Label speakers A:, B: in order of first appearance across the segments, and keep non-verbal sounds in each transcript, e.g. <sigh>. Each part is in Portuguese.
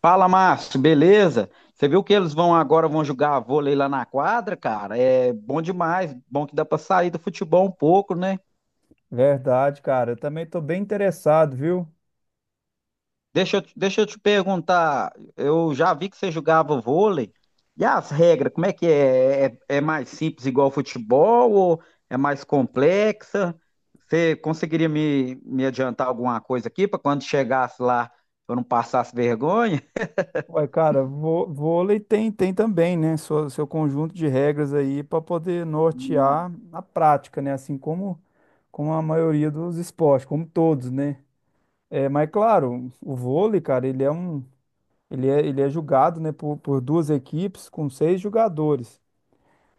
A: Fala, Márcio, beleza? Você viu que eles vão agora vão jogar vôlei lá na quadra, cara? É bom demais, bom que dá pra sair do futebol um pouco, né?
B: Verdade, cara. Eu também tô bem interessado, viu?
A: Deixa eu te perguntar, eu já vi que você jogava vôlei. E as regras, como é que é? É mais simples igual futebol ou é mais complexa? Você conseguiria me adiantar alguma coisa aqui para quando chegasse lá eu não passasse vergonha?
B: Uai, cara, vôlei tem também, né? Seu conjunto de regras aí para poder
A: Hum.
B: nortear na prática, né? Assim como a maioria dos esportes, como todos, né? É, mas claro, o vôlei, cara, ele é um, ele é jogado, né, por duas equipes com seis jogadores.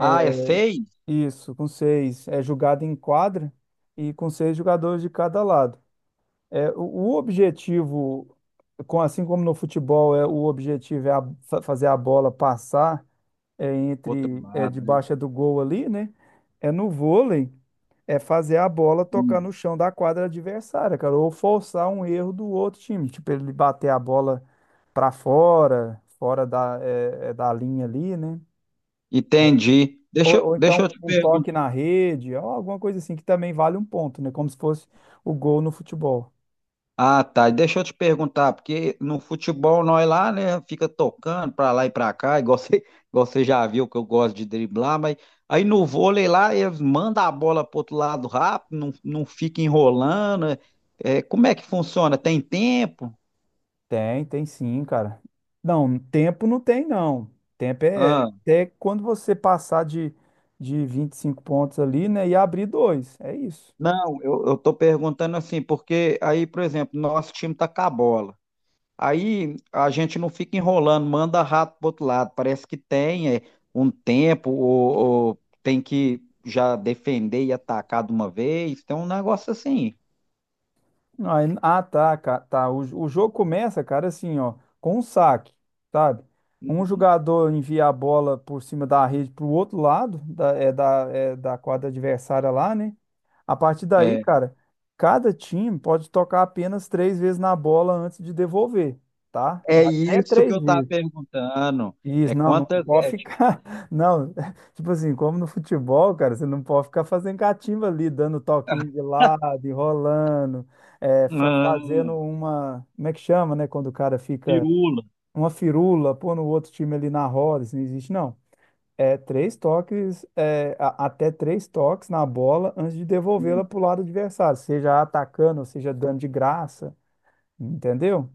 A: Ah, é seis?
B: Isso, com seis. É jogado em quadra e com seis jogadores de cada lado. É, o objetivo, assim como no futebol, o objetivo é fazer a bola passar,
A: Outro
B: entre,
A: lado, né?
B: debaixo do gol ali, né? É no vôlei, é fazer a bola tocar
A: Hum.
B: no chão da quadra adversária, cara, ou forçar um erro do outro time, tipo ele bater a bola para fora, da linha ali, né?
A: Entendi.
B: Ou, ou
A: Deixa eu
B: então
A: te
B: um
A: perguntar.
B: toque na rede, ou alguma coisa assim que também vale um ponto, né? Como se fosse o gol no futebol.
A: Ah, tá. Deixa eu te perguntar, porque no futebol nós lá, né, fica tocando pra lá e pra cá, igual você, <laughs> igual você já viu que eu gosto de driblar, mas aí no vôlei lá eles mandam a bola pro outro lado rápido, não fica enrolando. Como é que funciona? Tem tempo?
B: Tem sim, cara. Não, tempo não tem, não. Tempo é
A: Ah,
B: até quando você passar de 25 pontos ali, né? E abrir dois. É isso.
A: não, eu tô perguntando assim, porque aí, por exemplo, nosso time tá com a bola. Aí a gente não fica enrolando, manda rato pro outro lado. Parece que tem um tempo, ou tem que já defender e atacar de uma vez. Tem um negócio assim.
B: Ah, tá, cara. Tá. O jogo começa, cara, assim, ó, com um saque, sabe? Um
A: Uhum.
B: jogador envia a bola por cima da rede pro outro lado, da quadra adversária lá, né? A partir daí,
A: É,
B: cara, cada time pode tocar apenas três vezes na bola antes de devolver, tá? É
A: é
B: até
A: isso que
B: três
A: eu estava
B: vezes.
A: perguntando.
B: Isso,
A: É
B: não, não
A: quantas.
B: pode
A: É,
B: ficar. <laughs> Não, <laughs> tipo assim, como no futebol, cara, você não pode ficar fazendo catimba ali, dando toquinho de lado, enrolando, fazendo
A: ah,
B: uma. Como é que chama, né? Quando o cara fica
A: firula.
B: uma firula, pô, no outro time ali na roda, isso não existe, não. É três toques, até três toques na bola antes de devolvê-la
A: Hum.
B: pro lado adversário, seja atacando, seja dando de graça, entendeu?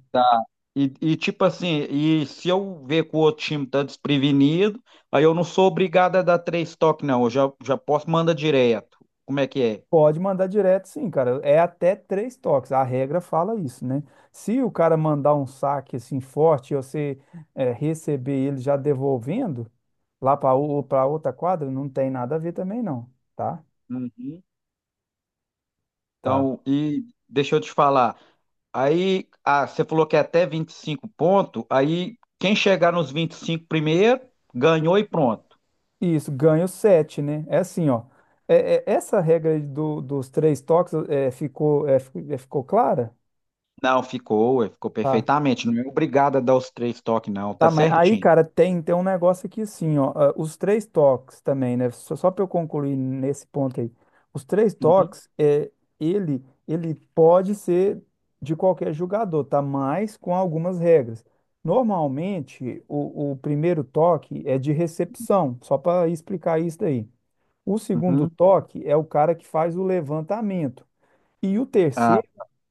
A: Tipo assim, e se eu ver que o outro time tá desprevenido, aí eu não sou obrigado a dar três toques, não. Eu já posso mandar direto. Como é que é?
B: Pode mandar direto, sim, cara. É até três toques. A regra fala isso, né? Se o cara mandar um saque assim forte e você receber ele já devolvendo lá para outra quadra, não tem nada a ver também, não, tá?
A: Uhum.
B: Tá.
A: Então, e deixa eu te falar. Aí, ah, você falou que é até 25 pontos, aí quem chegar nos 25 primeiro, ganhou e pronto.
B: Isso, ganho sete, né? É assim, ó. Essa regra aí dos três toques ficou, ficou clara?
A: Não, ficou, ué, ficou perfeitamente. Não é obrigado a dar os três toques, não, tá
B: Tá, mas aí,
A: certinho.
B: cara, tem um negócio aqui assim, ó. Os três toques também, né? Só para eu concluir nesse ponto aí. Os três
A: Uhum.
B: toques, ele pode ser de qualquer jogador, tá? Mas com algumas regras. Normalmente, o primeiro toque é de recepção, só para explicar isso daí. O segundo
A: Uhum.
B: toque é o cara que faz o levantamento. E o
A: Ah,
B: terceiro,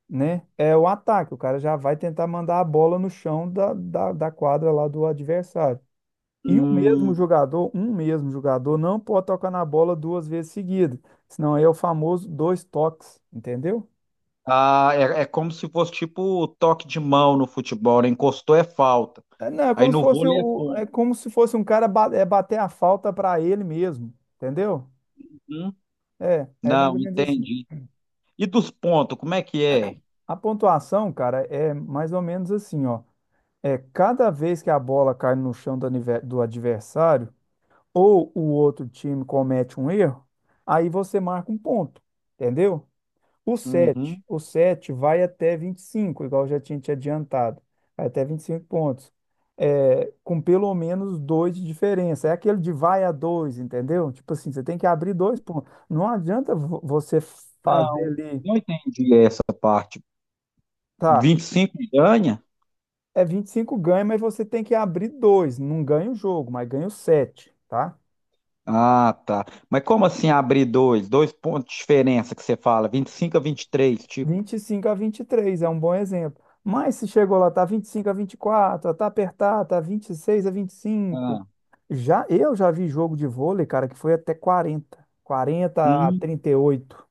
B: né? É o ataque. O cara já vai tentar mandar a bola no chão da quadra lá do adversário. E o mesmo
A: hum,
B: jogador, um mesmo jogador, não pode tocar na bola duas vezes seguidas. Senão aí é o famoso dois toques, entendeu?
A: ah, é, é como se fosse tipo toque de mão no futebol, né? Encostou é falta.
B: É, não, é
A: Aí
B: como se
A: no
B: fosse
A: vôlei é ponto.
B: um cara bater a falta para ele mesmo, entendeu?
A: Hum?
B: É, é mais
A: Não,
B: ou menos assim.
A: entendi. E dos pontos, como é que é?
B: A pontuação, cara, é mais ou menos assim, ó. É cada vez que a bola cai no chão do adversário ou o outro time comete um erro, aí você marca um ponto, entendeu? O 7,
A: Uhum.
B: o 7 vai até 25, igual eu já tinha te adiantado, vai até 25 pontos, com pelo menos dois de diferença. É aquele de vai a dois, entendeu? Tipo assim, você tem que abrir dois pontos. Não adianta você fazer
A: Não,
B: ali,
A: não entendi essa parte.
B: tá?
A: 25 ganha.
B: É 25 ganha, mas você tem que abrir dois. Não ganha o jogo, mas ganha o 7, tá?
A: Ah, tá. Mas como assim abrir dois? Dois pontos de diferença que você fala, vinte e cinco a 23, tipo.
B: 25-23 é um bom exemplo. Mas se chegou lá, tá 25-24, tá apertado, tá 26-25.
A: Ah,
B: Já, eu já vi jogo de vôlei, cara, que foi até quarenta a
A: hum.
B: trinta e oito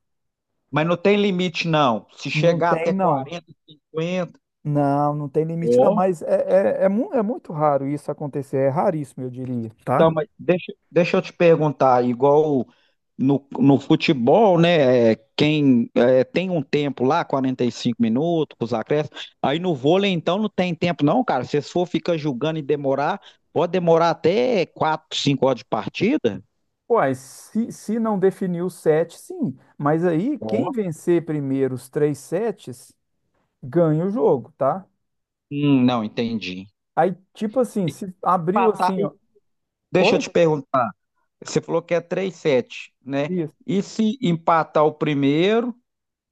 A: Mas não tem limite, não. Se
B: Não
A: chegar
B: tem
A: até
B: não.
A: 40, 50.
B: Não, não tem limite, não, mas é muito raro isso acontecer, é raríssimo, eu diria, tá?
A: Então, deixa eu te perguntar, igual no futebol, né? É, quem é, tem um tempo lá, 45 minutos, com os acréscimos, aí no vôlei então não tem tempo, não, cara. Se for ficar julgando e demorar, pode demorar até 4, 5 horas de partida?
B: Uai, se não definir os sete, sim. Mas aí, quem
A: Ó.
B: vencer primeiro os três sets, ganha o jogo, tá?
A: Não, entendi.
B: Aí, tipo assim, se abriu
A: Empatar,
B: assim.
A: e deixa eu
B: Oi?
A: te perguntar, você falou que é três sete, né?
B: Isso.
A: E se empatar o primeiro?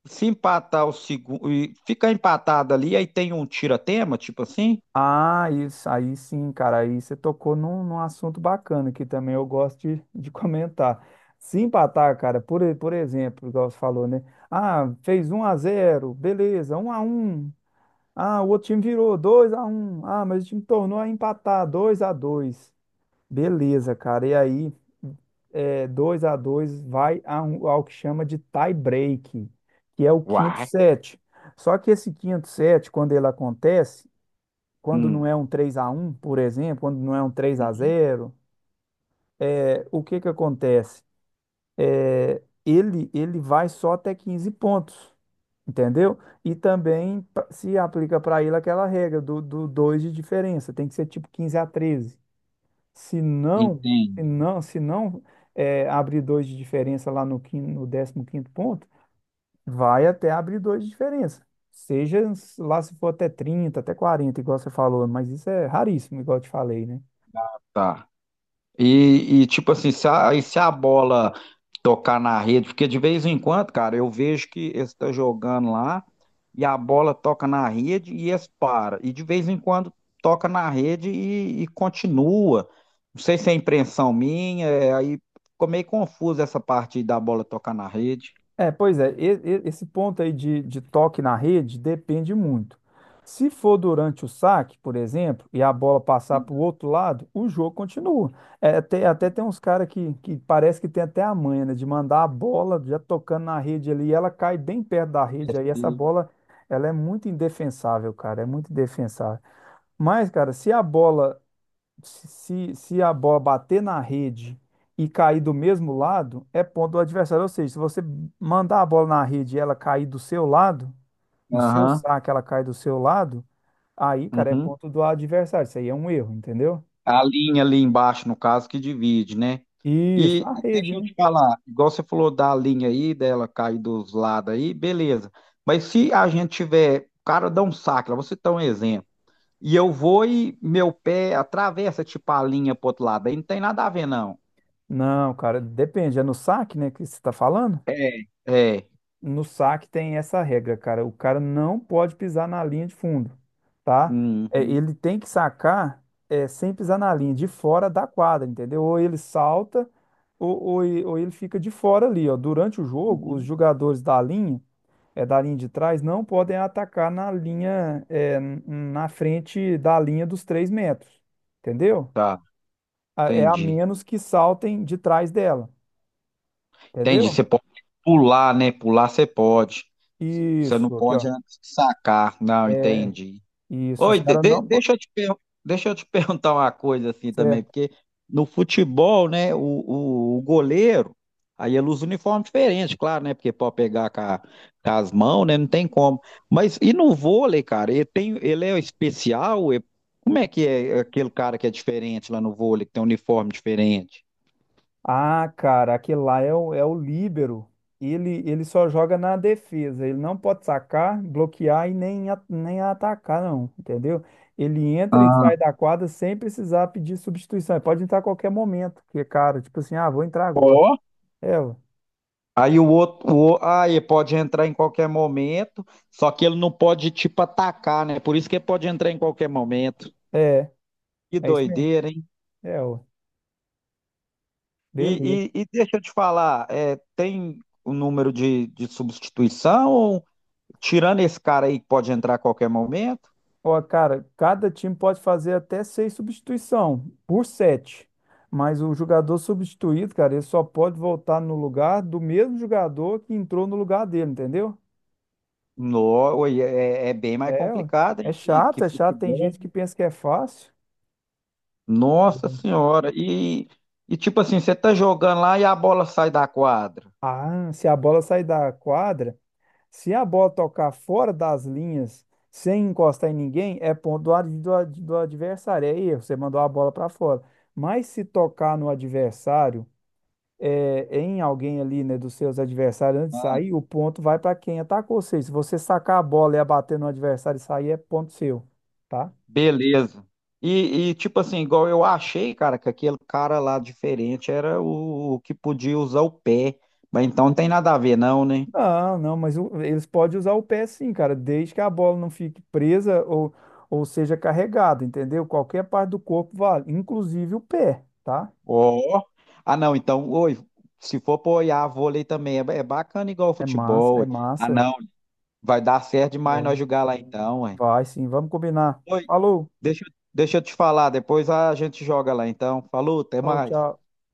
A: Se empatar o segundo, e ficar empatado ali, aí tem um tira-tema, tipo assim?
B: Ah, isso. Aí sim, cara. Aí você tocou num assunto bacana que também eu gosto de comentar. Se empatar, cara, por exemplo, igual você falou, né? Ah, fez 1-0, beleza. 1-1. Ah, o outro time virou 2-1. Ah, mas o time tornou a empatar 2-2. Beleza, cara. E aí, é, 2-2 vai a, ao que chama de tie break, que é o quinto
A: Uai.
B: set. Só que esse quinto set, quando ele acontece, quando
A: Hum.
B: não é um 3-1, por exemplo, quando não é um três a
A: Uhum.
B: zero, o que que acontece? Ele vai só até 15 pontos, entendeu? E também se aplica para ele aquela regra do 2 de diferença, tem que ser tipo 15-13. Se não, se
A: Entendo,
B: não, se não é, abrir 2 de diferença lá no 15º ponto, vai até abrir 2 de diferença. Seja lá se for até 30, até 40, igual você falou, mas isso é raríssimo, igual eu te falei, né?
A: tá. Tipo assim, se a, aí se a bola tocar na rede, porque de vez em quando, cara, eu vejo que eles estão jogando lá e a bola toca na rede e eles param. E de vez em quando toca na rede e continua. Não sei se é impressão minha, é, aí ficou meio confuso essa parte da bola tocar na rede.
B: É, pois é, esse ponto aí de toque na rede depende muito. Se for durante o saque, por exemplo, e a bola passar para o outro lado, o jogo continua. É, até tem uns caras que parece que tem até a manha, né, de mandar a bola já tocando na rede ali, e ela cai bem perto da rede, aí essa
A: Esse-
B: bola, ela é muito indefensável, cara, é muito indefensável. Mas, cara, se a bola, se a bola bater na rede e cair do mesmo lado, é ponto do adversário. Ou seja, se você mandar a bola na rede e ela cair do seu lado, no seu
A: Aham.
B: saque ela cai do seu lado, aí, cara, é
A: Uhum.
B: ponto do adversário. Isso aí é um erro, entendeu?
A: A linha ali embaixo, no caso, que divide, né?
B: Isso, a rede,
A: Deixa eu
B: né?
A: te falar, igual você falou da linha aí, dela cair dos lados aí, beleza. Mas se a gente tiver, o cara dá um saque, lá, você dá um exemplo, e eu vou e meu pé atravessa, tipo, a linha pro outro lado, aí não tem nada a ver, não.
B: Não, cara, depende. É no saque, né, que você tá falando?
A: É. É.
B: No saque tem essa regra, cara. O cara não pode pisar na linha de fundo, tá?
A: Uhum,
B: Ele tem que sacar, sem pisar na linha, de fora da quadra, entendeu? Ou ele salta, ou ele fica de fora ali, ó. Durante o jogo, os
A: uhum.
B: jogadores da linha, da linha de trás, não podem atacar na linha, na frente da linha dos 3 metros, entendeu?
A: Tá,
B: É a
A: entendi.
B: menos que saltem de trás dela,
A: Entendi. Você
B: entendeu?
A: pode pular, né? Pular você pode. Você não
B: Isso, aqui,
A: pode
B: ó.
A: antes de sacar. Não, entendi.
B: Isso, os
A: Oi,
B: caras não podem.
A: deixa eu te <laughs> perguntar uma coisa assim também, porque no futebol, né, o goleiro, aí ele usa uniforme diferente, claro, né, porque pode pegar com, com as mãos, né, não tem como. Mas e no vôlei, cara, ele tem, ele é especial? Ele- como é que é aquele cara que é diferente lá no vôlei, que tem um uniforme diferente?
B: Ah, cara, aquele lá é o, é o líbero. Ele só joga na defesa. Ele não pode sacar, bloquear e nem, nem atacar, não. Entendeu? Ele entra e
A: Ah,
B: sai da quadra sem precisar pedir substituição. Ele pode entrar a qualquer momento. Porque, cara, tipo assim, ah, vou entrar agora.
A: ó,
B: É, ué.
A: aí o outro, ah, ele pode entrar em qualquer momento, só que ele não pode, tipo, atacar, né, por isso que ele pode entrar em qualquer momento.
B: é,
A: Que
B: é isso mesmo.
A: doideira, hein?
B: É, ué. Beleza.
A: Deixa eu te falar, é, tem o número de substituição? Ou, tirando esse cara aí que pode entrar a qualquer momento?
B: Ó, cara, cada time pode fazer até seis substituição por sete. Mas o jogador substituído, cara, ele só pode voltar no lugar do mesmo jogador que entrou no lugar dele, entendeu?
A: No, oi, é bem mais
B: É, ó,
A: complicado,
B: é
A: hein? Que
B: chato, é chato. Tem
A: futebol.
B: gente que pensa que é fácil.
A: Nossa Senhora. E tipo assim, você tá jogando lá e a bola sai da quadra.
B: Ah, se a bola sair da quadra, se a bola tocar fora das linhas, sem encostar em ninguém, é ponto do adversário, é erro, você mandou a bola para fora. Mas se tocar no adversário, em alguém ali, né, dos seus adversários antes de sair, o ponto vai para quem atacou. Ou seja, se você sacar a bola e abater no adversário e sair, é ponto seu, tá?
A: Beleza. Tipo assim, igual eu achei, cara, que aquele cara lá diferente era o que podia usar o pé. Mas então não tem nada a ver, não, né?
B: Não, não, mas o- eles podem usar o pé, sim, cara, desde que a bola não fique presa ou, seja carregada, entendeu? Qualquer parte do corpo vale, inclusive o pé, tá?
A: Ó. Ah, não, então, oi, se for apoiar vôlei também, é, é bacana igual o
B: É massa,
A: futebol.
B: é
A: Ué. Ah,
B: massa.
A: não, vai dar certo demais
B: Né?
A: nós jogar lá então, ué.
B: Vai, sim, vamos combinar.
A: Oi,
B: Falou,
A: deixa eu te falar, depois a gente joga lá então. Falou, até
B: falou,
A: mais.
B: tchau.